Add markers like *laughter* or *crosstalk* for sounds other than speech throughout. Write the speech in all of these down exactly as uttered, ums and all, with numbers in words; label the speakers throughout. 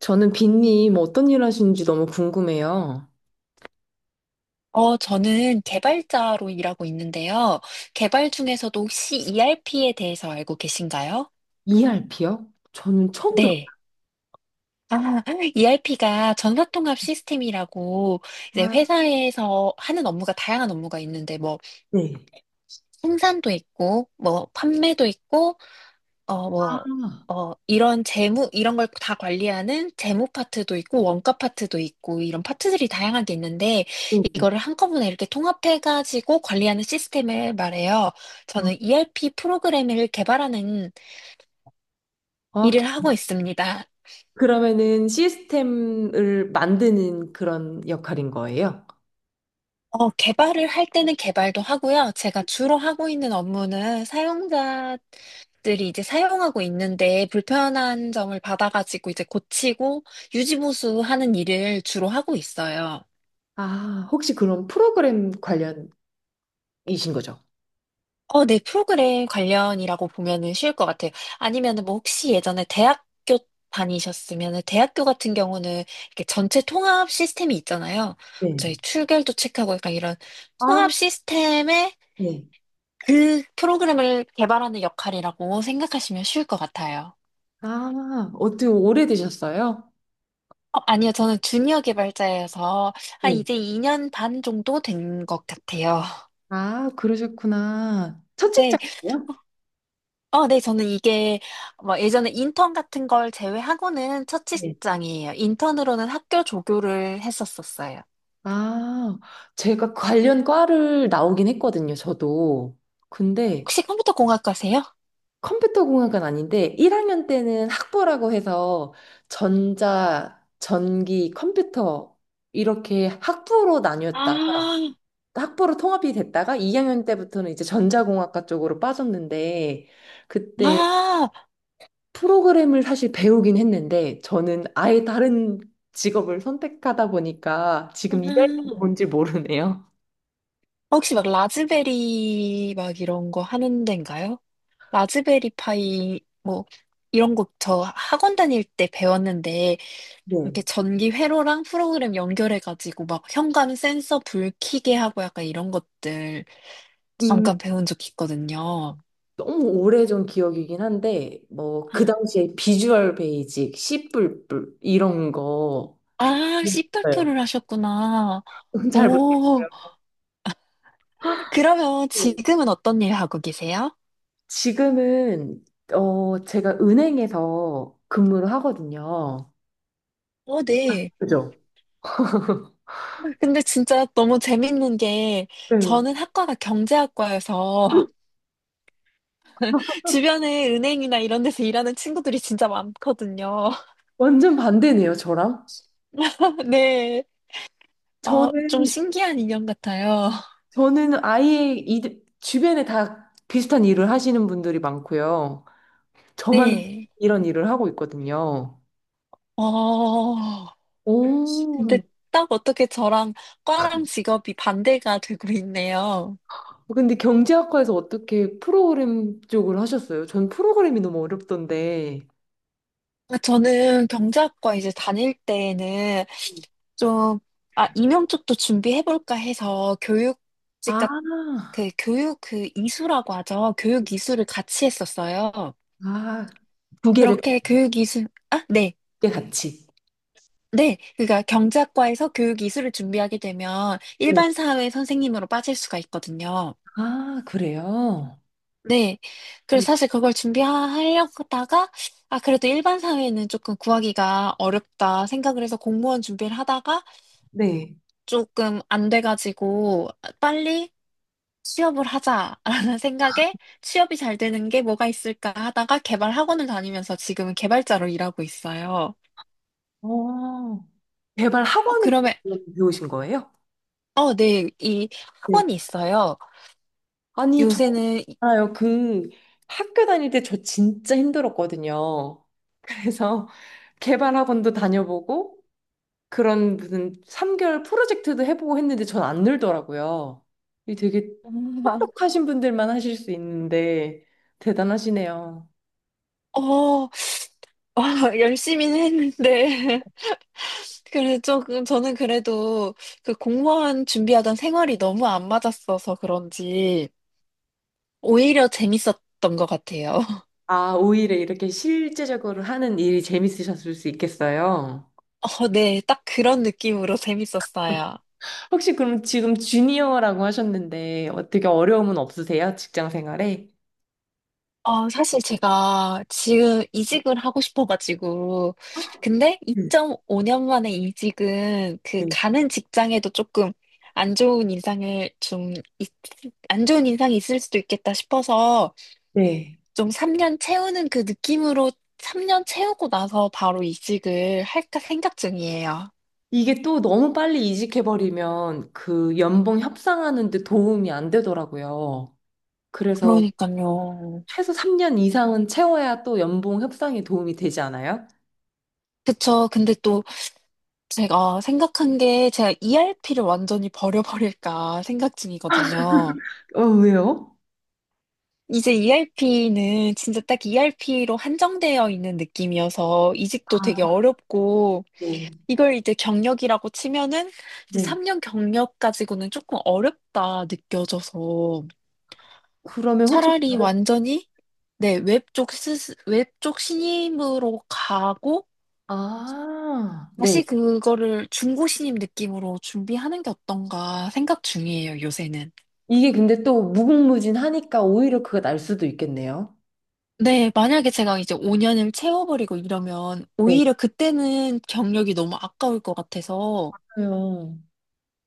Speaker 1: 저는 빈님 어떤 일 하시는지 너무 궁금해요.
Speaker 2: 어, 저는 개발자로 일하고 있는데요. 개발 중에서도 혹시 이 알 피에 대해서 알고 계신가요?
Speaker 1: 이알피요? 저는 처음 들어요.
Speaker 2: 네. 아, *laughs* 이 알 피가 전사통합 시스템이라고 이제
Speaker 1: 아,
Speaker 2: 회사에서 하는 업무가 다양한 업무가 있는데 뭐
Speaker 1: 네.
Speaker 2: 생산도 있고 뭐 판매도 있고 어, 뭐, 어, 이런 재무, 이런 걸 다 관리하는 재무 파트도 있고, 원가 파트도 있고, 이런 파트들이 다양하게 있는데,
Speaker 1: 네.
Speaker 2: 이거를 한꺼번에 이렇게 통합해가지고 관리하는 시스템을 말해요. 저는 이 알 피 프로그램을 개발하는
Speaker 1: 아,
Speaker 2: 일을 하고 있습니다.
Speaker 1: 그러면은 시스템을 만드는 그런 역할인 거예요?
Speaker 2: 어, 개발을 할 때는 개발도 하고요. 제가 주로 하고 있는 업무는 사용자 들이 이제 사용하고 있는데 불편한 점을 받아가지고 이제 고치고 유지보수하는 일을 주로 하고 있어요.
Speaker 1: 아, 혹시 그런 프로그램 관련이신 거죠?
Speaker 2: 어, 네, 프로그램 관련이라고 보면은 쉬울 것 같아요. 아니면은 뭐 혹시 예전에 대학교 다니셨으면은 대학교 같은 경우는 이렇게 전체 통합 시스템이 있잖아요. 저희
Speaker 1: 네.
Speaker 2: 출결도 체크하고 약간 이런
Speaker 1: 아,
Speaker 2: 통합 시스템의
Speaker 1: 네.
Speaker 2: 그 프로그램을 개발하는 역할이라고 생각하시면 쉬울 것 같아요.
Speaker 1: 아, 어떻게 오래되셨어요?
Speaker 2: 어, 아니요, 저는 주니어 개발자여서 한
Speaker 1: 네.
Speaker 2: 이제 이 년 반 정도 된 것 같아요.
Speaker 1: 아, 그러셨구나.
Speaker 2: *laughs*
Speaker 1: 첫
Speaker 2: 네.
Speaker 1: 직장이요?
Speaker 2: 어, 네, 저는 이게 뭐 예전에 인턴 같은 걸 제외하고는 첫
Speaker 1: 네.
Speaker 2: 직장이에요. 인턴으로는 학교 조교를 했었었어요.
Speaker 1: 아, 제가 관련 과를 나오긴 했거든요, 저도. 근데
Speaker 2: 혹시 컴퓨터 공학과세요?
Speaker 1: 컴퓨터 공학은 아닌데 일 학년 때는 학부라고 해서 전자, 전기, 컴퓨터 이렇게 학부로 나뉘었다.
Speaker 2: 아,
Speaker 1: 학부로 통합이 됐다가 이 학년 때부터는 이제 전자공학과 쪽으로 빠졌는데 그때
Speaker 2: 아,
Speaker 1: 프로그램을 사실 배우긴 했는데 저는 아예 다른 직업을 선택하다 보니까 지금 이 학년도
Speaker 2: 음.
Speaker 1: 뭔지 모르네요.
Speaker 2: 혹시 막 라즈베리 막 이런 거 하는 데인가요? 라즈베리 파이 뭐 이런 거 저 학원 다닐 때 배웠는데
Speaker 1: 네.
Speaker 2: 이렇게 전기 회로랑 프로그램 연결해가지고 막 현관 센서 불 켜게 하고 약간 이런 것들
Speaker 1: 음,
Speaker 2: 잠깐 배운 적 있거든요.
Speaker 1: 너무 오래전 기억이긴 한데 뭐 그 당시에 비주얼 베이직, 씨뿔뿔 이런 거
Speaker 2: 아, 씨팔로
Speaker 1: 있어요.
Speaker 2: 를 하셨구나.
Speaker 1: *laughs* 잘
Speaker 2: 오,
Speaker 1: 모르겠고요.
Speaker 2: 그러면
Speaker 1: 네.
Speaker 2: 지금은 어떤 일 하고 계세요?
Speaker 1: 지금은 어 제가 은행에서 근무를 하거든요.
Speaker 2: 어, 네.
Speaker 1: 그죠?
Speaker 2: 근데 진짜 너무 재밌는 게
Speaker 1: 네.
Speaker 2: 저는 학과가 경제학과여서
Speaker 1: *laughs*
Speaker 2: *laughs* 주변에 은행이나 이런 데서 일하는 친구들이 진짜 많거든요.
Speaker 1: 완전 반대네요, 저랑.
Speaker 2: *laughs* 네. 어, 좀
Speaker 1: 저는
Speaker 2: 신기한 인연 같아요.
Speaker 1: 저는 아예 이 주변에 다 비슷한 일을 하시는 분들이 많고요. 저만
Speaker 2: 네.
Speaker 1: 이런 일을 하고 있거든요.
Speaker 2: 어,
Speaker 1: 오.
Speaker 2: 근데 딱 어떻게 저랑 과랑 직업이 반대가 되고 있네요.
Speaker 1: 근데 경제학과에서 어떻게 프로그램 쪽을 하셨어요? 전 프로그램이 너무 어렵던데.
Speaker 2: 아, 저는 경제학과 이제 다닐 때에는 좀, 아, 임용 쪽도 준비해볼까 해서 교육직 같,
Speaker 1: 아,
Speaker 2: 그 교육 그 이수라고 하죠. 교육 이수를 같이 했었어요.
Speaker 1: 아, 두 개를
Speaker 2: 그렇게 교육 이수, 아, 네.
Speaker 1: 꽤 같이.
Speaker 2: 네. 그러니까 경제학과에서 교육 이수를 준비하게 되면
Speaker 1: 네.
Speaker 2: 일반 사회 선생님으로 빠질 수가 있거든요.
Speaker 1: 아, 그래요?
Speaker 2: 네.
Speaker 1: 네.
Speaker 2: 그래서 사실 그걸 준비하려고 하다가, 아, 그래도 일반 사회는 조금 구하기가 어렵다 생각을 해서 공무원 준비를 하다가
Speaker 1: 네.
Speaker 2: 조금 안 돼가지고 빨리 취업을 하자라는 *laughs* 생각에 취업이 잘 되는 게 뭐가 있을까 하다가 개발 학원을 다니면서 지금은 개발자로 일하고 있어요.
Speaker 1: 어, 개발
Speaker 2: 어,
Speaker 1: 학원에서
Speaker 2: 그러면,
Speaker 1: 배우신 거예요?
Speaker 2: 어, 네, 이
Speaker 1: 네.
Speaker 2: 학원이 있어요.
Speaker 1: 아니, 저
Speaker 2: 요새는, 이-
Speaker 1: 알아요. 그 학교 다닐 때 저 진짜 힘들었거든요. 그래서 *laughs* 개발 학원도 다녀보고 그런 무슨 삼 개월 프로젝트도 해보고 했는데 전 안 늘더라고요. 이 되게 똑똑하신 분들만 하실 수 있는데 대단하시네요.
Speaker 2: 어, 와, *laughs* 열심히는 했는데. *laughs* 그래 조금, 저는 그래도 그 공무원 준비하던 생활이 너무 안 맞았어서 그런지 오히려 재밌었던 것 같아요. *laughs*
Speaker 1: 아, 오히려 이렇게 실제적으로 하는 일이 재밌으셨을 수 있겠어요.
Speaker 2: 어, 네, 딱 그런 느낌으로 재밌었어요.
Speaker 1: 혹시 그럼 지금 주니어라고 하셨는데 어떻게 어려움은 없으세요? 직장 생활에?
Speaker 2: 어, 사실 제가 지금 이직을 하고 싶어가지고, 근데
Speaker 1: 음,
Speaker 2: 이 점 오 년 만에 이직은 그
Speaker 1: 음.
Speaker 2: 가는 직장에도 조금 안 좋은 인상을 좀, 있- 안 좋은 인상이 있을 수도 있겠다 싶어서
Speaker 1: 네. 네. 네.
Speaker 2: 좀 삼 년 채우는 그 느낌으로 삼 년 채우고 나서 바로 이직을 할까 생각 중이에요.
Speaker 1: 이게 또 너무 빨리 이직해버리면 그 연봉 협상하는데 도움이 안 되더라고요. 그래서
Speaker 2: 그러니까요.
Speaker 1: 최소 삼 년 이상은 채워야 또 연봉 협상에 도움이 되지 않아요?
Speaker 2: 그쵸. 근데 또 제가 생각한 게 제가 이 알 피를 완전히 버려버릴까 생각 중이거든요.
Speaker 1: 어, 왜요?
Speaker 2: 이제 이 알 피는 진짜 딱 이 알 피로 한정되어 있는 느낌이어서 이직도 되게
Speaker 1: 아,
Speaker 2: 어렵고
Speaker 1: 네.
Speaker 2: 이걸 이제 경력이라고 치면은 이제
Speaker 1: 네.
Speaker 2: 삼 년 경력 가지고는 조금 어렵다 느껴져서
Speaker 1: 그러면 혹시,
Speaker 2: 차라리 완전히 네, 웹쪽 스, 웹쪽 신임으로 가고
Speaker 1: 아, 네.
Speaker 2: 다시 그거를 중고 신임 느낌으로 준비하는 게 어떤가 생각 중이에요, 요새는.
Speaker 1: 이게 근데 또 무궁무진하니까 오히려 그가 날 수도 있겠네요.
Speaker 2: 네, 만약에 제가 이제 오 년을 채워버리고 이러면
Speaker 1: 네.
Speaker 2: 오히려 그때는 경력이 너무 아까울 것 같아서
Speaker 1: 그래요.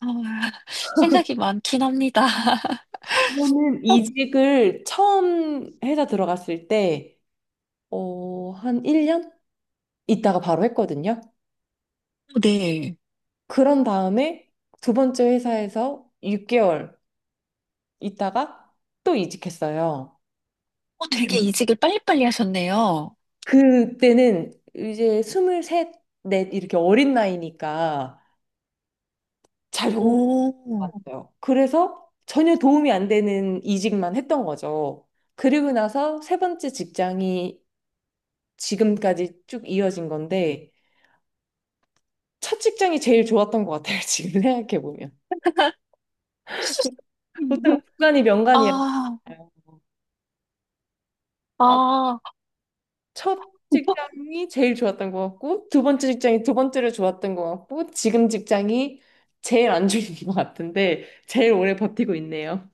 Speaker 2: 아, *laughs* 생각이 많긴 합니다. *laughs*
Speaker 1: 저는
Speaker 2: 어,
Speaker 1: 이직을 처음 회사 들어갔을 때, 어, 한 일 년 있다가 바로 했거든요.
Speaker 2: 네.
Speaker 1: 그런 다음에 두 번째 회사에서 육 개월 있다가 또 이직했어요.
Speaker 2: 어, 되게 이직을 빨리빨리 하셨네요.
Speaker 1: 그때는 이제 스물셋, 넷 이렇게 어린 나이니까 잘 적응을
Speaker 2: 오.
Speaker 1: 못했어요. 그래서 전혀 도움이 안 되는 이직만 했던 거죠. 그리고 나서 세 번째 직장이 지금까지 쭉 이어진 건데 첫 직장이 제일 좋았던 것 같아요. 지금 생각해 보면 보통 구간이
Speaker 2: *laughs*
Speaker 1: 명간이라
Speaker 2: 아, 아.
Speaker 1: 첫 직장이 제일 좋았던 것 같고, 두 번째 직장이 두 번째로 좋았던 것 같고, 지금 직장이 제일 안 좋은 것 같은데, 제일 오래 버티고 있네요.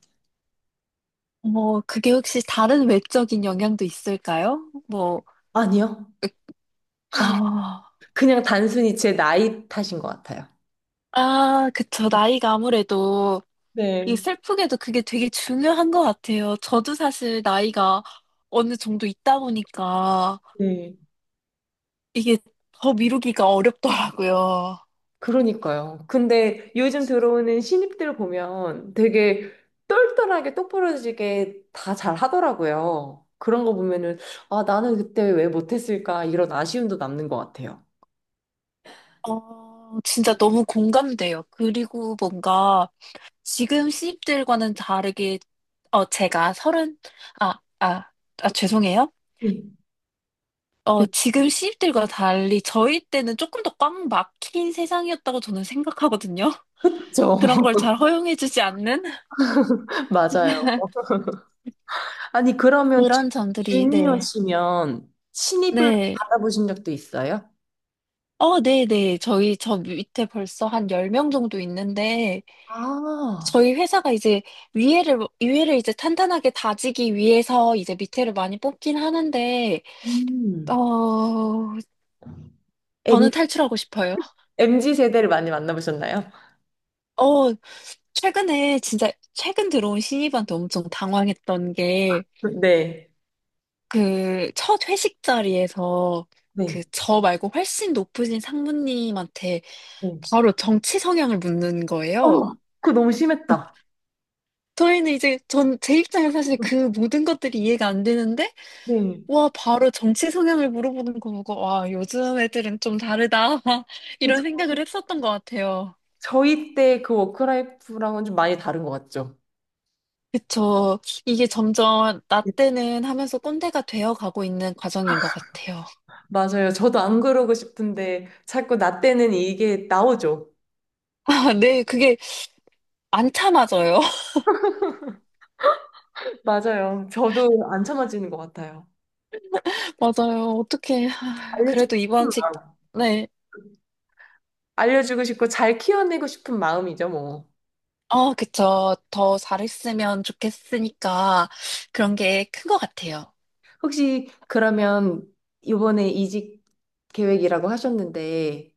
Speaker 2: 뭐, 그게 혹시 다른 외적인 영향도 있을까요? 뭐,
Speaker 1: 아니요.
Speaker 2: 으- 아,
Speaker 1: 그냥 단순히 제 나이 탓인 것 같아요.
Speaker 2: 아, 그쵸. 나이가 아무래도
Speaker 1: 네,
Speaker 2: 이 슬프게도 그게 되게 중요한 것 같아요. 저도 사실 나이가 어느 정도 있다 보니까
Speaker 1: 네.
Speaker 2: 이게 더 미루기가 어렵더라고요.
Speaker 1: 그러니까요. 근데 요즘 들어오는 신입들 보면 되게 똘똘하게 똑부러지게 다 잘 하더라고요. 그런 거 보면은, 아, 나는 그때 왜 못했을까? 이런 아쉬움도 남는 것 같아요.
Speaker 2: 어, 진짜 너무 공감돼요. 그리고 뭔가 지금 신입들과는 다르게, 어, 제가 서른, 아, 아, 아, 죄송해요.
Speaker 1: 네.
Speaker 2: 어, 지금 신입들과 달리 저희 때는 조금 더 꽉 막힌 세상이었다고 저는 생각하거든요.
Speaker 1: 그렇죠.
Speaker 2: 그런 걸 잘 허용해주지 않는
Speaker 1: *laughs* 맞아요. 아니, 그러면 주-
Speaker 2: 그런 점들이, 네.
Speaker 1: 주니어시면 신입을
Speaker 2: 네.
Speaker 1: 받아보신 적도 있어요?
Speaker 2: 어, 네네. 저희 저 밑에 벌써 한 열 명 정도 있는데,
Speaker 1: 아,
Speaker 2: 저희 회사가 이제 위에를, 위에를 이제 탄탄하게 다지기 위해서 이제 밑에를 많이 뽑긴 하는데, 어,
Speaker 1: 음. M,
Speaker 2: 저는 탈출하고 싶어요.
Speaker 1: 엠 지 세대를 많이 만나보셨나요?
Speaker 2: 어, 최근에 진짜 최근 들어온 신입한테 엄청 당황했던 게,
Speaker 1: *laughs* 네.
Speaker 2: 그 첫 회식 자리에서 그
Speaker 1: 네.
Speaker 2: 저 말고 훨씬 높으신 상무님한테
Speaker 1: 네.
Speaker 2: 바로 정치 성향을 묻는 거예요.
Speaker 1: 어머, 그거 너무 심했다.
Speaker 2: 저희는 이제 전 제 입장에서 사실 그 모든 것들이 이해가 안 되는데
Speaker 1: 네.
Speaker 2: 와 바로 정치 성향을 물어보는 거 보고 와 요즘 애들은 좀 다르다 *laughs*
Speaker 1: 그
Speaker 2: 이런
Speaker 1: 저희,
Speaker 2: 생각을 했었던 것 같아요.
Speaker 1: 저희 때 그 워크라이프랑은 좀 많이 다른 것 같죠?
Speaker 2: 그쵸. 이게 점점 나 때는 하면서 꼰대가 되어 가고 있는 과정인 것 같아요. *laughs*
Speaker 1: 맞아요. 저도 안 그러고 싶은데 자꾸 나 때는 이게 나오죠.
Speaker 2: 아, 네, 그게 안 참아져요.
Speaker 1: 맞아요. 저도 안 참아지는 것 같아요.
Speaker 2: *laughs* 맞아요. 어떻게
Speaker 1: 알려주고.
Speaker 2: 그래도 이번 직 네.
Speaker 1: 알려주고 싶고 잘 키워내고 싶은 마음이죠, 뭐.
Speaker 2: 어, 그쵸. 더 잘했으면 좋겠으니까 그런 게 큰 것 같아요.
Speaker 1: 혹시 그러면 이번에 이직 계획이라고 하셨는데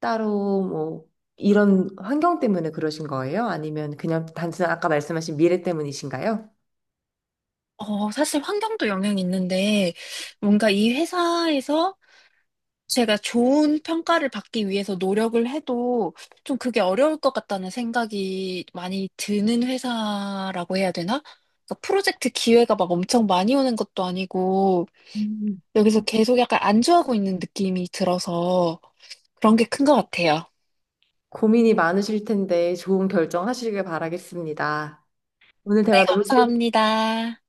Speaker 1: 따로 뭐 이런 환경 때문에 그러신 거예요? 아니면 그냥 단순히 아까 말씀하신 미래 때문이신가요?
Speaker 2: 어, 사실 환경도 영향이 있는데, 뭔가 이 회사에서 제가 좋은 평가를 받기 위해서 노력을 해도 좀 그게 어려울 것 같다는 생각이 많이 드는 회사라고 해야 되나? 그러니까 프로젝트 기회가 막 엄청 많이 오는 것도 아니고,
Speaker 1: 음.
Speaker 2: 여기서 계속 약간 안주하고 있는 느낌이 들어서 그런 게 큰 것 같아요.
Speaker 1: 고민이 많으실 텐데 좋은 결정 하시길 바라겠습니다. 오늘
Speaker 2: 네,
Speaker 1: 대화 너무 즐거웠어요
Speaker 2: 감사합니다.